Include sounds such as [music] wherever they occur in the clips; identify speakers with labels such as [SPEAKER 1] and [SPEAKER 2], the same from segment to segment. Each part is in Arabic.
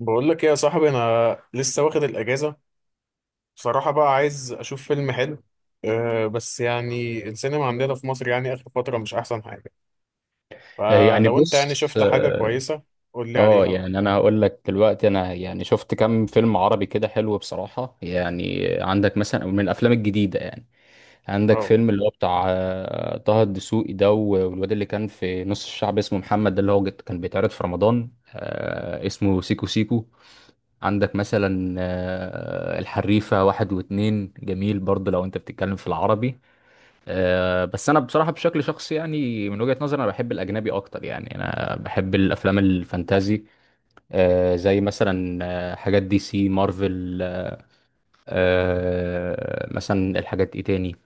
[SPEAKER 1] بقول لك ايه يا صاحبي؟ انا لسه واخد الاجازه. بصراحه بقى عايز اشوف فيلم حلو. بس يعني السينما عندنا في مصر يعني اخر فتره مش احسن حاجه.
[SPEAKER 2] آه، يعني
[SPEAKER 1] فلو انت يعني
[SPEAKER 2] بص
[SPEAKER 1] شفت حاجه كويسه، قول لي عليها بقى.
[SPEAKER 2] يعني انا هقول لك دلوقتي انا يعني شفت كام فيلم عربي كده حلو بصراحة. يعني عندك مثلا من الافلام الجديدة، يعني عندك
[SPEAKER 1] اه،
[SPEAKER 2] فيلم اللي هو بتاع طه الدسوقي ده، والواد اللي كان في نص الشعب اسمه محمد ده اللي هو كان بيتعرض في رمضان، اسمه سيكو سيكو. عندك مثلا الحريفة واحد واتنين جميل برضه لو انت بتتكلم في العربي. بس انا بصراحه بشكل شخصي، يعني من وجهه نظري، انا بحب الاجنبي اكتر. يعني انا بحب الافلام الفانتازي، زي مثلا حاجات دي سي، مارفل. مثلا الحاجات ايه تاني؟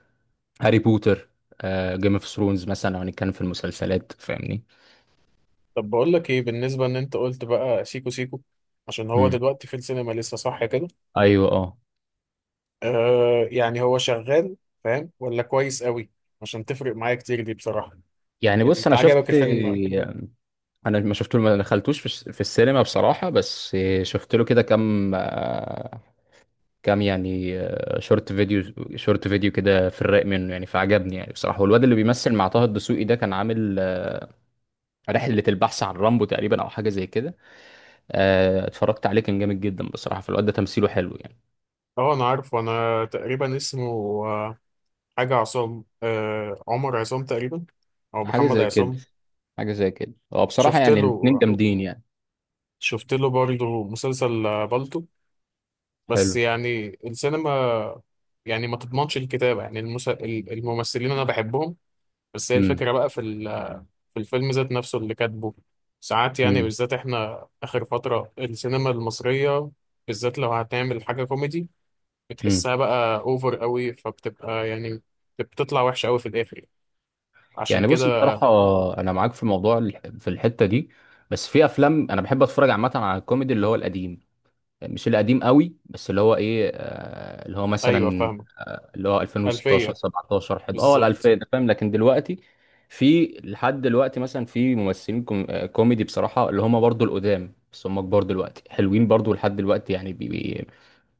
[SPEAKER 2] هاري بوتر، جيم اوف ثرونز، مثلا لو هنتكلم في المسلسلات، فاهمني.
[SPEAKER 1] طب بقول لك ايه بالنسبه ان انت قلت بقى سيكو سيكو؟ عشان هو
[SPEAKER 2] مم.
[SPEAKER 1] دلوقتي في السينما لسه صح كده؟
[SPEAKER 2] ايوه، اه.
[SPEAKER 1] أه، يعني هو شغال؟ فاهم ولا كويس قوي؟ عشان تفرق معايا كتير دي بصراحه.
[SPEAKER 2] يعني
[SPEAKER 1] يعني
[SPEAKER 2] بص،
[SPEAKER 1] انت عجبك الفيلم؟
[SPEAKER 2] انا ما شفت، ما دخلتوش في في السينما بصراحه، بس شفت له كده كام يعني شورت فيديو. شورت فيديو كده في الرايق منه يعني، فعجبني يعني بصراحة. والواد اللي بيمثل مع طه الدسوقي ده كان عامل رحلة البحث عن رامبو تقريبا، او حاجة زي كده. اتفرجت عليه، كان جامد جدا بصراحة، فالواد ده تمثيله حلو يعني.
[SPEAKER 1] اه، انا عارف، وانا تقريبا اسمه آه، حاجة عصام، عمر عصام تقريبا. أو
[SPEAKER 2] حاجة
[SPEAKER 1] محمد
[SPEAKER 2] زي كده،
[SPEAKER 1] عصام.
[SPEAKER 2] حاجة زي كده. هو بصراحة
[SPEAKER 1] شفت
[SPEAKER 2] يعني
[SPEAKER 1] له
[SPEAKER 2] الاتنين جامدين يعني.
[SPEAKER 1] شفت له برضه مسلسل بالطو. بس
[SPEAKER 2] حلو.
[SPEAKER 1] يعني السينما يعني ما تضمنش الكتابة. يعني الممثلين أنا بحبهم. بس هي
[SPEAKER 2] امم
[SPEAKER 1] الفكرة بقى في الفيلم ذات نفسه، اللي كاتبه ساعات يعني
[SPEAKER 2] امم
[SPEAKER 1] بالذات إحنا آخر فترة السينما المصرية، بالذات لو هتعمل حاجة كوميدي،
[SPEAKER 2] امم
[SPEAKER 1] بتحسها بقى أوفر قوي، فبتبقى يعني بتطلع وحشة قوي في الآخر. عشان
[SPEAKER 2] يعني بص،
[SPEAKER 1] كده.
[SPEAKER 2] بصراحة أنا معاك في موضوع في الحتة دي، بس في أفلام أنا بحب أتفرج عامة على الكوميدي اللي هو القديم. مش القديم قوي، بس اللي هو إيه، اللي هو
[SPEAKER 1] أيوه،
[SPEAKER 2] مثلا،
[SPEAKER 1] فاهمة.
[SPEAKER 2] اللي هو 2016
[SPEAKER 1] ألفية،
[SPEAKER 2] 17 11 ال
[SPEAKER 1] بالظبط.
[SPEAKER 2] 2000 ده، فاهم؟ لكن دلوقتي، في لحد دلوقتي مثلا في ممثلين كوميدي بصراحة، اللي هم برضو القدام بس هم كبار دلوقتي، حلوين برضو لحد دلوقتي يعني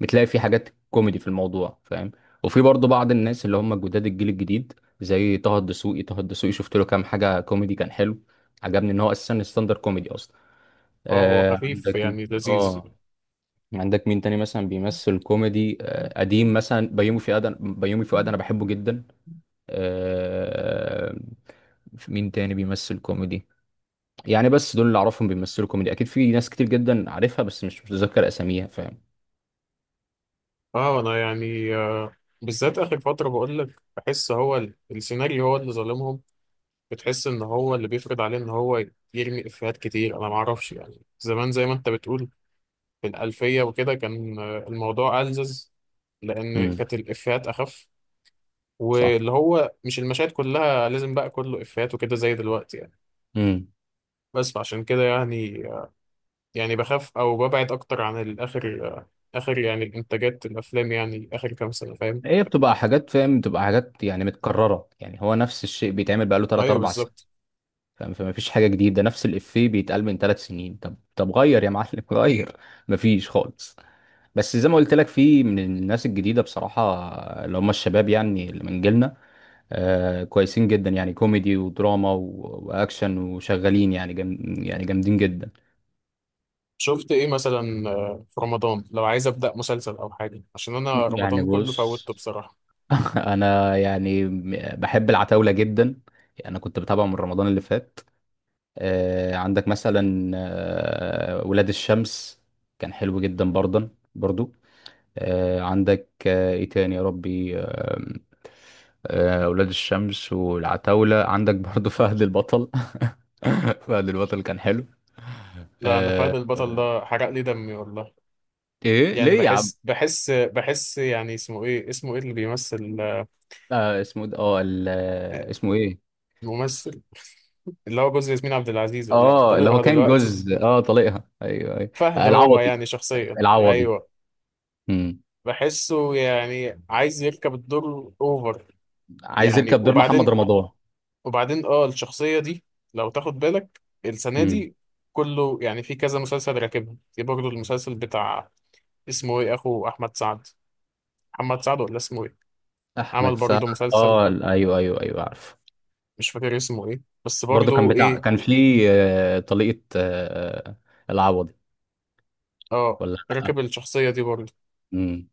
[SPEAKER 2] بتلاقي في حاجات كوميدي في الموضوع، فاهم. وفي برضو بعض الناس اللي هم جداد، الجيل الجديد، زي طه الدسوقي شفت له كام حاجة كوميدي كان حلو. عجبني ان هو اساسا ستاندر كوميدي اصلا.
[SPEAKER 1] اه، هو خفيف
[SPEAKER 2] عندك.
[SPEAKER 1] يعني لذيذ.
[SPEAKER 2] اه. عندك مين تاني مثلا بيمثل كوميدي قديم؟ مثلا بيومي فؤاد، بيومي فؤاد انا بحبه جدا. آه، في مين تاني بيمثل كوميدي؟ يعني بس دول اللي اعرفهم بيمثلوا كوميدي. اكيد في ناس كتير جدا عارفها، بس مش متذكر اساميها، فاهم.
[SPEAKER 1] اه، انا يعني بالذات اخر فتره، بقول لك بحس هو السيناريو هو اللي ظالمهم. بتحس ان هو اللي بيفرض عليه ان هو يرمي افيهات كتير. انا ما اعرفش، يعني زمان زي ما انت بتقول في الالفيه وكده، كان الموضوع ألذذ، لان
[SPEAKER 2] امم
[SPEAKER 1] كانت الافيهات اخف،
[SPEAKER 2] صح.
[SPEAKER 1] واللي هو مش المشاهد كلها لازم بقى كله افيهات وكده زي دلوقتي يعني.
[SPEAKER 2] امم
[SPEAKER 1] بس فعشان كده يعني، يعني بخاف او ببعد اكتر عن الاخر، اخر يعني الانتاجات الافلام، يعني اخر كام سنه فاهم.
[SPEAKER 2] هي بتبقى حاجات، فاهم، بتبقى حاجات يعني متكررة. يعني هو نفس الشيء بيتعمل بقاله 3
[SPEAKER 1] ايوه
[SPEAKER 2] 4 سنين،
[SPEAKER 1] بالظبط.
[SPEAKER 2] فاهم. فما فيش حاجة جديدة، نفس الإفيه بيتقال من 3 سنين. طب طب غير يا معلم، غير. مفيش خالص. بس زي ما قلت لك، في من الناس الجديده بصراحه، اللي هم الشباب يعني، اللي من جيلنا. كويسين جدا يعني، كوميدي ودراما واكشن، وشغالين يعني، جم يعني جامدين جدا.
[SPEAKER 1] شفت ايه مثلا في رمضان؟ لو عايز ابدا مسلسل او حاجه، عشان انا
[SPEAKER 2] يعني
[SPEAKER 1] رمضان كله
[SPEAKER 2] بص.
[SPEAKER 1] فوتته بصراحه.
[SPEAKER 2] [laughs] انا يعني بحب العتاوله جدا. يعني انا كنت بتابعه من رمضان اللي فات. عندك مثلا ولاد الشمس، كان حلو جدا برضه، برضو. عندك ايه تاني يا ربي؟ اولاد الشمس والعتاولة. عندك برضو فهد البطل. [laughs] فهد البطل كان حلو.
[SPEAKER 1] لا، انا فهد
[SPEAKER 2] آه،
[SPEAKER 1] البطل
[SPEAKER 2] آه،
[SPEAKER 1] ده حرق لي دمي والله.
[SPEAKER 2] ايه
[SPEAKER 1] يعني
[SPEAKER 2] ليه يا عم؟
[SPEAKER 1] بحس يعني اسمه ايه اللي بيمثل
[SPEAKER 2] اسمه ده، اسمه ايه؟
[SPEAKER 1] الممثل، [laughs] اللي هو جوز ياسمين عبد العزيز ولا
[SPEAKER 2] اه، اللي هو
[SPEAKER 1] طليقها
[SPEAKER 2] كان
[SPEAKER 1] دلوقتي.
[SPEAKER 2] جوز، طليقها، ايوه ايوه.
[SPEAKER 1] فهد هو،
[SPEAKER 2] العوضي.
[SPEAKER 1] يعني شخصيا،
[SPEAKER 2] العوضي.
[SPEAKER 1] ايوه.
[SPEAKER 2] مم.
[SPEAKER 1] بحسه يعني عايز يركب الدور اوفر.
[SPEAKER 2] عايز
[SPEAKER 1] يعني
[SPEAKER 2] يركب دور محمد
[SPEAKER 1] وبعدين،
[SPEAKER 2] رمضان.
[SPEAKER 1] وبعدين الشخصية دي، لو تاخد بالك السنة
[SPEAKER 2] مم.
[SPEAKER 1] دي، كله يعني في كذا مسلسل راكبها. في برضه المسلسل بتاع، اسمه ايه، اخو احمد سعد، محمد سعد ولا اسمه ايه، عمل
[SPEAKER 2] احمد سعد.
[SPEAKER 1] برضه مسلسل،
[SPEAKER 2] اه ايوه ايوه ايوه، عارف.
[SPEAKER 1] مش فاكر اسمه ايه بس
[SPEAKER 2] برضو كان
[SPEAKER 1] برضه
[SPEAKER 2] بتاع، كان
[SPEAKER 1] ايه،
[SPEAKER 2] في طليقة العوضي
[SPEAKER 1] اه،
[SPEAKER 2] ولا.
[SPEAKER 1] راكب الشخصية دي برضه.
[SPEAKER 2] مم.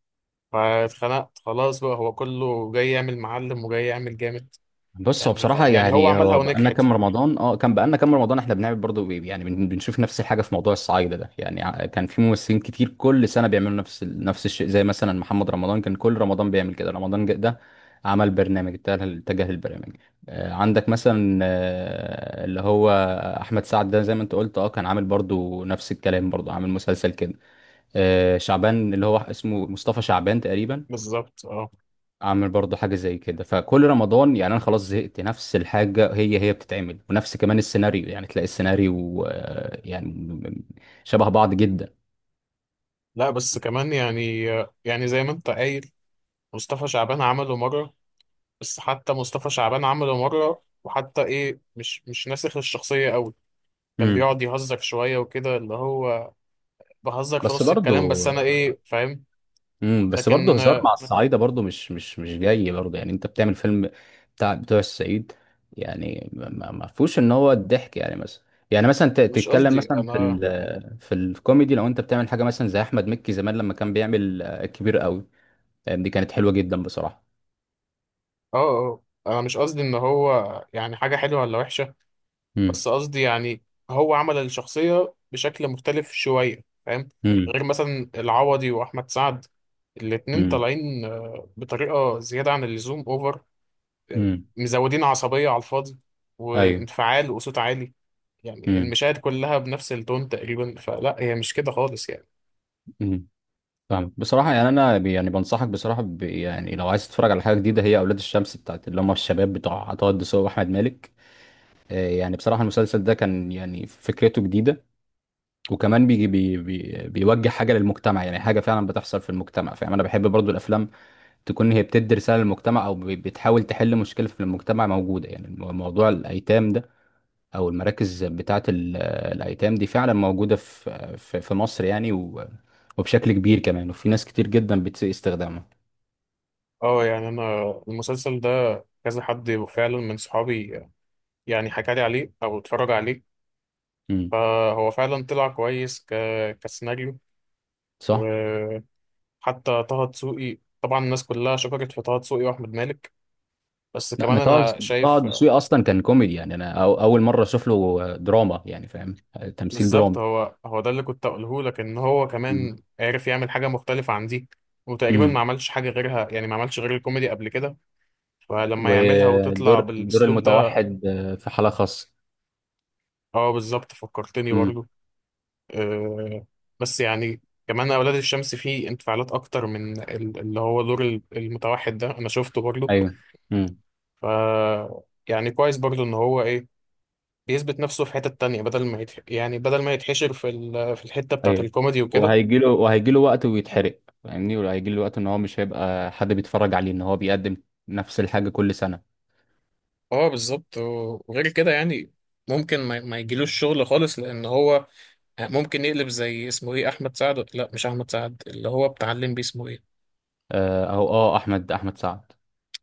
[SPEAKER 1] فاتخنقت خلاص بقى، هو كله جاي يعمل معلم وجاي يعمل جامد.
[SPEAKER 2] بص، هو
[SPEAKER 1] يعني
[SPEAKER 2] بصراحة
[SPEAKER 1] يعني هو
[SPEAKER 2] يعني
[SPEAKER 1] عملها
[SPEAKER 2] هو بقالنا
[SPEAKER 1] ونجحت.
[SPEAKER 2] كام رمضان اه كان بقالنا كام رمضان احنا بنعمل برضه بنشوف نفس الحاجة في موضوع الصعايدة ده. يعني كان في ممثلين كتير كل سنة بيعملوا نفس الشيء. زي مثلا محمد رمضان كان كل رمضان بيعمل كده رمضان ده. عمل برنامج، اتجه للبرنامج. عندك مثلا اللي هو احمد سعد ده، زي ما انت قلت، كان عامل برضه نفس الكلام، برضه عامل مسلسل كده. شعبان اللي هو اسمه مصطفى شعبان تقريبا،
[SPEAKER 1] بالظبط اه.
[SPEAKER 2] اعمل برضو حاجه زي كده. فكل رمضان يعني انا خلاص زهقت، نفس الحاجه هي بتتعمل، ونفس كمان السيناريو. يعني تلاقي السيناريو يعني شبه بعض جدا.
[SPEAKER 1] لا، بس كمان يعني، يعني زي ما انت قايل، مصطفى شعبان عمله مرة، بس حتى مصطفى شعبان عمله مرة، وحتى ايه، مش ناسخ الشخصية قوي. كان
[SPEAKER 2] امم
[SPEAKER 1] بيقعد يهزر شوية وكده، اللي هو بهزر في
[SPEAKER 2] بس
[SPEAKER 1] نص الكلام
[SPEAKER 2] برضو
[SPEAKER 1] بس، انا ايه فاهم.
[SPEAKER 2] بس برضو
[SPEAKER 1] لكن،
[SPEAKER 2] هزار مع الصعايده برضو مش جاي برضو. يعني انت بتعمل فيلم بتاع بتوع الصعيد، يعني ما فيهوش ان هو الضحك يعني، مثلا. يعني مثلا
[SPEAKER 1] مش
[SPEAKER 2] تتكلم
[SPEAKER 1] قصدي
[SPEAKER 2] مثلا
[SPEAKER 1] انا،
[SPEAKER 2] في في الكوميدي. لو انت بتعمل حاجه مثلا زي احمد مكي زمان، لما كان بيعمل كبير قوي، دي كانت حلوه جدا بصراحه.
[SPEAKER 1] اه انا مش قصدي ان هو يعني حاجة حلوة ولا وحشة، بس قصدي يعني، هو عمل الشخصية بشكل مختلف شوية فاهم.
[SPEAKER 2] امم
[SPEAKER 1] غير مثلا العوضي واحمد سعد، الاتنين
[SPEAKER 2] امم
[SPEAKER 1] طالعين بطريقة زيادة عن اللزوم، اوفر،
[SPEAKER 2] امم
[SPEAKER 1] مزودين عصبية على الفاضي،
[SPEAKER 2] ايوه.
[SPEAKER 1] وانفعال وصوت عالي. يعني
[SPEAKER 2] امم
[SPEAKER 1] المشاهد كلها بنفس التون تقريبا، فلا، هي مش كده خالص يعني.
[SPEAKER 2] امم فاهمك بصراحه، يعني انا يعني بنصحك بصراحه، يعني لو عايز تتفرج على حاجه جديده، هي اولاد الشمس بتاعت اللي هم الشباب بتوع عطاء الدسوقي واحمد مالك. يعني بصراحه المسلسل ده كان يعني فكرته جديده، وكمان بيجي بي بي بيوجه حاجه للمجتمع. يعني حاجه فعلا بتحصل في المجتمع، فاهم. انا بحب برضو الافلام تكون هي بتدي رساله للمجتمع، او بتحاول تحل مشكله في المجتمع موجوده. يعني موضوع الايتام ده، او المراكز بتاعه الايتام دي، فعلا موجوده في مصر يعني، وبشكل كبير كمان، وفي ناس كتير جدا بتسيء استخدامها.
[SPEAKER 1] اه، يعني انا المسلسل ده، كذا حد فعلا من صحابي يعني حكى لي عليه او اتفرج عليه.
[SPEAKER 2] امم
[SPEAKER 1] فهو فعلا طلع كويس كسيناريو.
[SPEAKER 2] صح.
[SPEAKER 1] وحتى طه دسوقي، طبعا الناس كلها شكرت في طه دسوقي واحمد مالك، بس
[SPEAKER 2] لا،
[SPEAKER 1] كمان
[SPEAKER 2] انا طه
[SPEAKER 1] انا
[SPEAKER 2] طه
[SPEAKER 1] شايف
[SPEAKER 2] دسوقي اصلا كان كوميدي، يعني انا اول مره اشوف له دراما يعني، فاهم، تمثيل
[SPEAKER 1] بالظبط،
[SPEAKER 2] درامي.
[SPEAKER 1] هو هو ده اللي كنت اقوله لك، ان هو
[SPEAKER 2] امم
[SPEAKER 1] كمان عرف يعمل حاجه مختلفه عن دي. وتقريبا ما
[SPEAKER 2] أمم.
[SPEAKER 1] عملش حاجه غيرها، يعني ما عملش غير الكوميدي قبل كده. فلما يعملها وتطلع
[SPEAKER 2] ودور الدور
[SPEAKER 1] بالاسلوب ده،
[SPEAKER 2] المتوحد، في حاله خاصه.
[SPEAKER 1] اه بالظبط، فكرتني
[SPEAKER 2] امم
[SPEAKER 1] برضو. آه بس يعني، كمان اولاد الشمس فيه انفعالات اكتر من اللي هو دور المتوحد ده، انا شفته برضو.
[SPEAKER 2] ايوه. امم
[SPEAKER 1] ف، يعني كويس برضو ان هو ايه بيثبت نفسه في حتة تانية، بدل ما يعني بدل ما يتحشر في الحتة بتاعت
[SPEAKER 2] ايوه.
[SPEAKER 1] الكوميدي وكده.
[SPEAKER 2] وهيجي له وقت ويتحرق، فاهمني. وهيجي له وقت ان هو مش هيبقى حد بيتفرج عليه، ان هو بيقدم نفس الحاجه كل سنه.
[SPEAKER 1] اه بالظبط، وغير كده يعني، ممكن ما يجيلوش شغل خالص، لان هو ممكن يقلب زي اسمه ايه احمد سعد، لا مش احمد سعد، اللي هو بتاع الليمبي اسمه ايه،
[SPEAKER 2] او احمد سعد.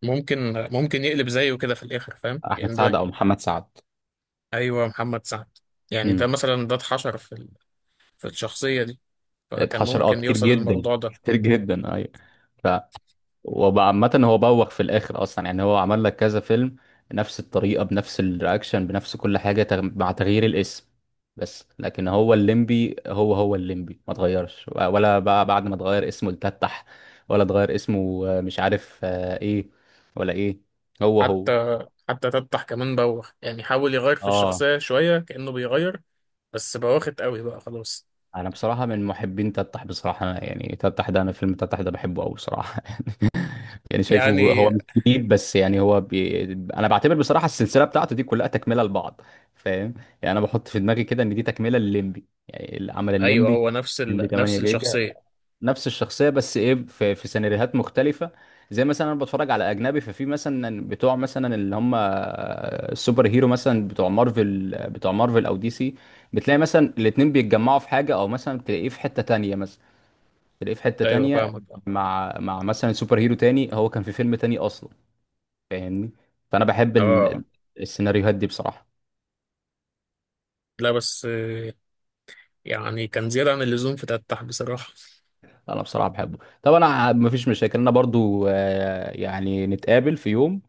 [SPEAKER 1] ممكن ممكن يقلب زيه كده في الاخر فاهم،
[SPEAKER 2] احمد
[SPEAKER 1] يعني
[SPEAKER 2] سعد
[SPEAKER 1] ده،
[SPEAKER 2] او محمد سعد.
[SPEAKER 1] ايوه محمد سعد. يعني ده
[SPEAKER 2] امم
[SPEAKER 1] مثلا ده اتحشر في الشخصيه دي، فكان
[SPEAKER 2] اتحشر
[SPEAKER 1] ممكن
[SPEAKER 2] كتير
[SPEAKER 1] يوصل
[SPEAKER 2] جدا
[SPEAKER 1] للموضوع ده.
[SPEAKER 2] كتير جدا، ايوه. ف وبقى عامة هو بوخ في الاخر اصلا. يعني هو عمل لك كذا فيلم نفس الطريقة، بنفس الرياكشن، بنفس كل حاجة، مع تغيير الاسم. بس لكن هو الليمبي، هو الليمبي ما اتغيرش، ولا بقى بعد ما اتغير اسمه لتتح، ولا اتغير اسمه مش عارف ايه، ولا ايه؟ هو.
[SPEAKER 1] حتى حتى تفتح كمان بوخ، يعني حاول يغير في
[SPEAKER 2] اه.
[SPEAKER 1] الشخصيه شويه، كانه بيغير، بس بوخت قوي بقى خلاص.
[SPEAKER 2] انا بصراحه من محبين تتح بصراحه. يعني تتح ده، انا فيلم تتح ده بحبه قوي بصراحه. [laughs] يعني شايفه هو
[SPEAKER 1] يعني
[SPEAKER 2] مش جديد، بس يعني هو انا بعتبر بصراحه السلسله بتاعته دي كلها تكمله لبعض، فاهم. يعني انا بحط في دماغي كده ان دي تكمله لليمبي. يعني اللي عمل
[SPEAKER 1] ايوه،
[SPEAKER 2] الليمبي،
[SPEAKER 1] هو نفس
[SPEAKER 2] الليمبي 8
[SPEAKER 1] نفس
[SPEAKER 2] جيجا،
[SPEAKER 1] الشخصيه.
[SPEAKER 2] نفس الشخصيه بس ايه، في في سيناريوهات مختلفه. زي مثلا انا بتفرج على اجنبي، ففي مثلا بتوع مثلا اللي هم السوبر هيرو، مثلا بتوع مارفل او دي سي، بتلاقي مثلا الاتنين بيتجمعوا في حاجه، او مثلا تلاقيه في حته تانية. مثلا تلاقيه في حته
[SPEAKER 1] ايوه
[SPEAKER 2] تانية
[SPEAKER 1] فاهمك.
[SPEAKER 2] مع مع مثلا سوبر هيرو تاني، هو كان في فيلم تاني اصلا، فاهمني. فانا بحب
[SPEAKER 1] اه
[SPEAKER 2] السيناريوهات دي بصراحه.
[SPEAKER 1] لا، بس يعني كان زيادة عن اللزوم في تفتح بصراحة.
[SPEAKER 2] انا بصراحه بحبه، طب انا مفيش مشاكل، انا برضو يعني نتقابل في يوم،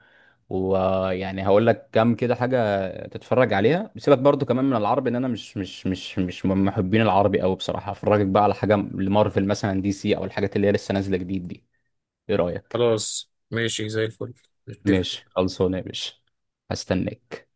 [SPEAKER 2] ويعني هقول لك كام كده حاجه تتفرج عليها. سيبك برضو كمان من العربي، ان انا مش من محبين العربي قوي بصراحه. هفرجك بقى على حاجه لمارفل مثلا، دي سي، او الحاجات اللي هي لسه نازله جديد دي. ايه رايك؟
[SPEAKER 1] خلاص ماشي زي الفل، نتفق.
[SPEAKER 2] ماشي، خلصانه يا باشا. هستناك.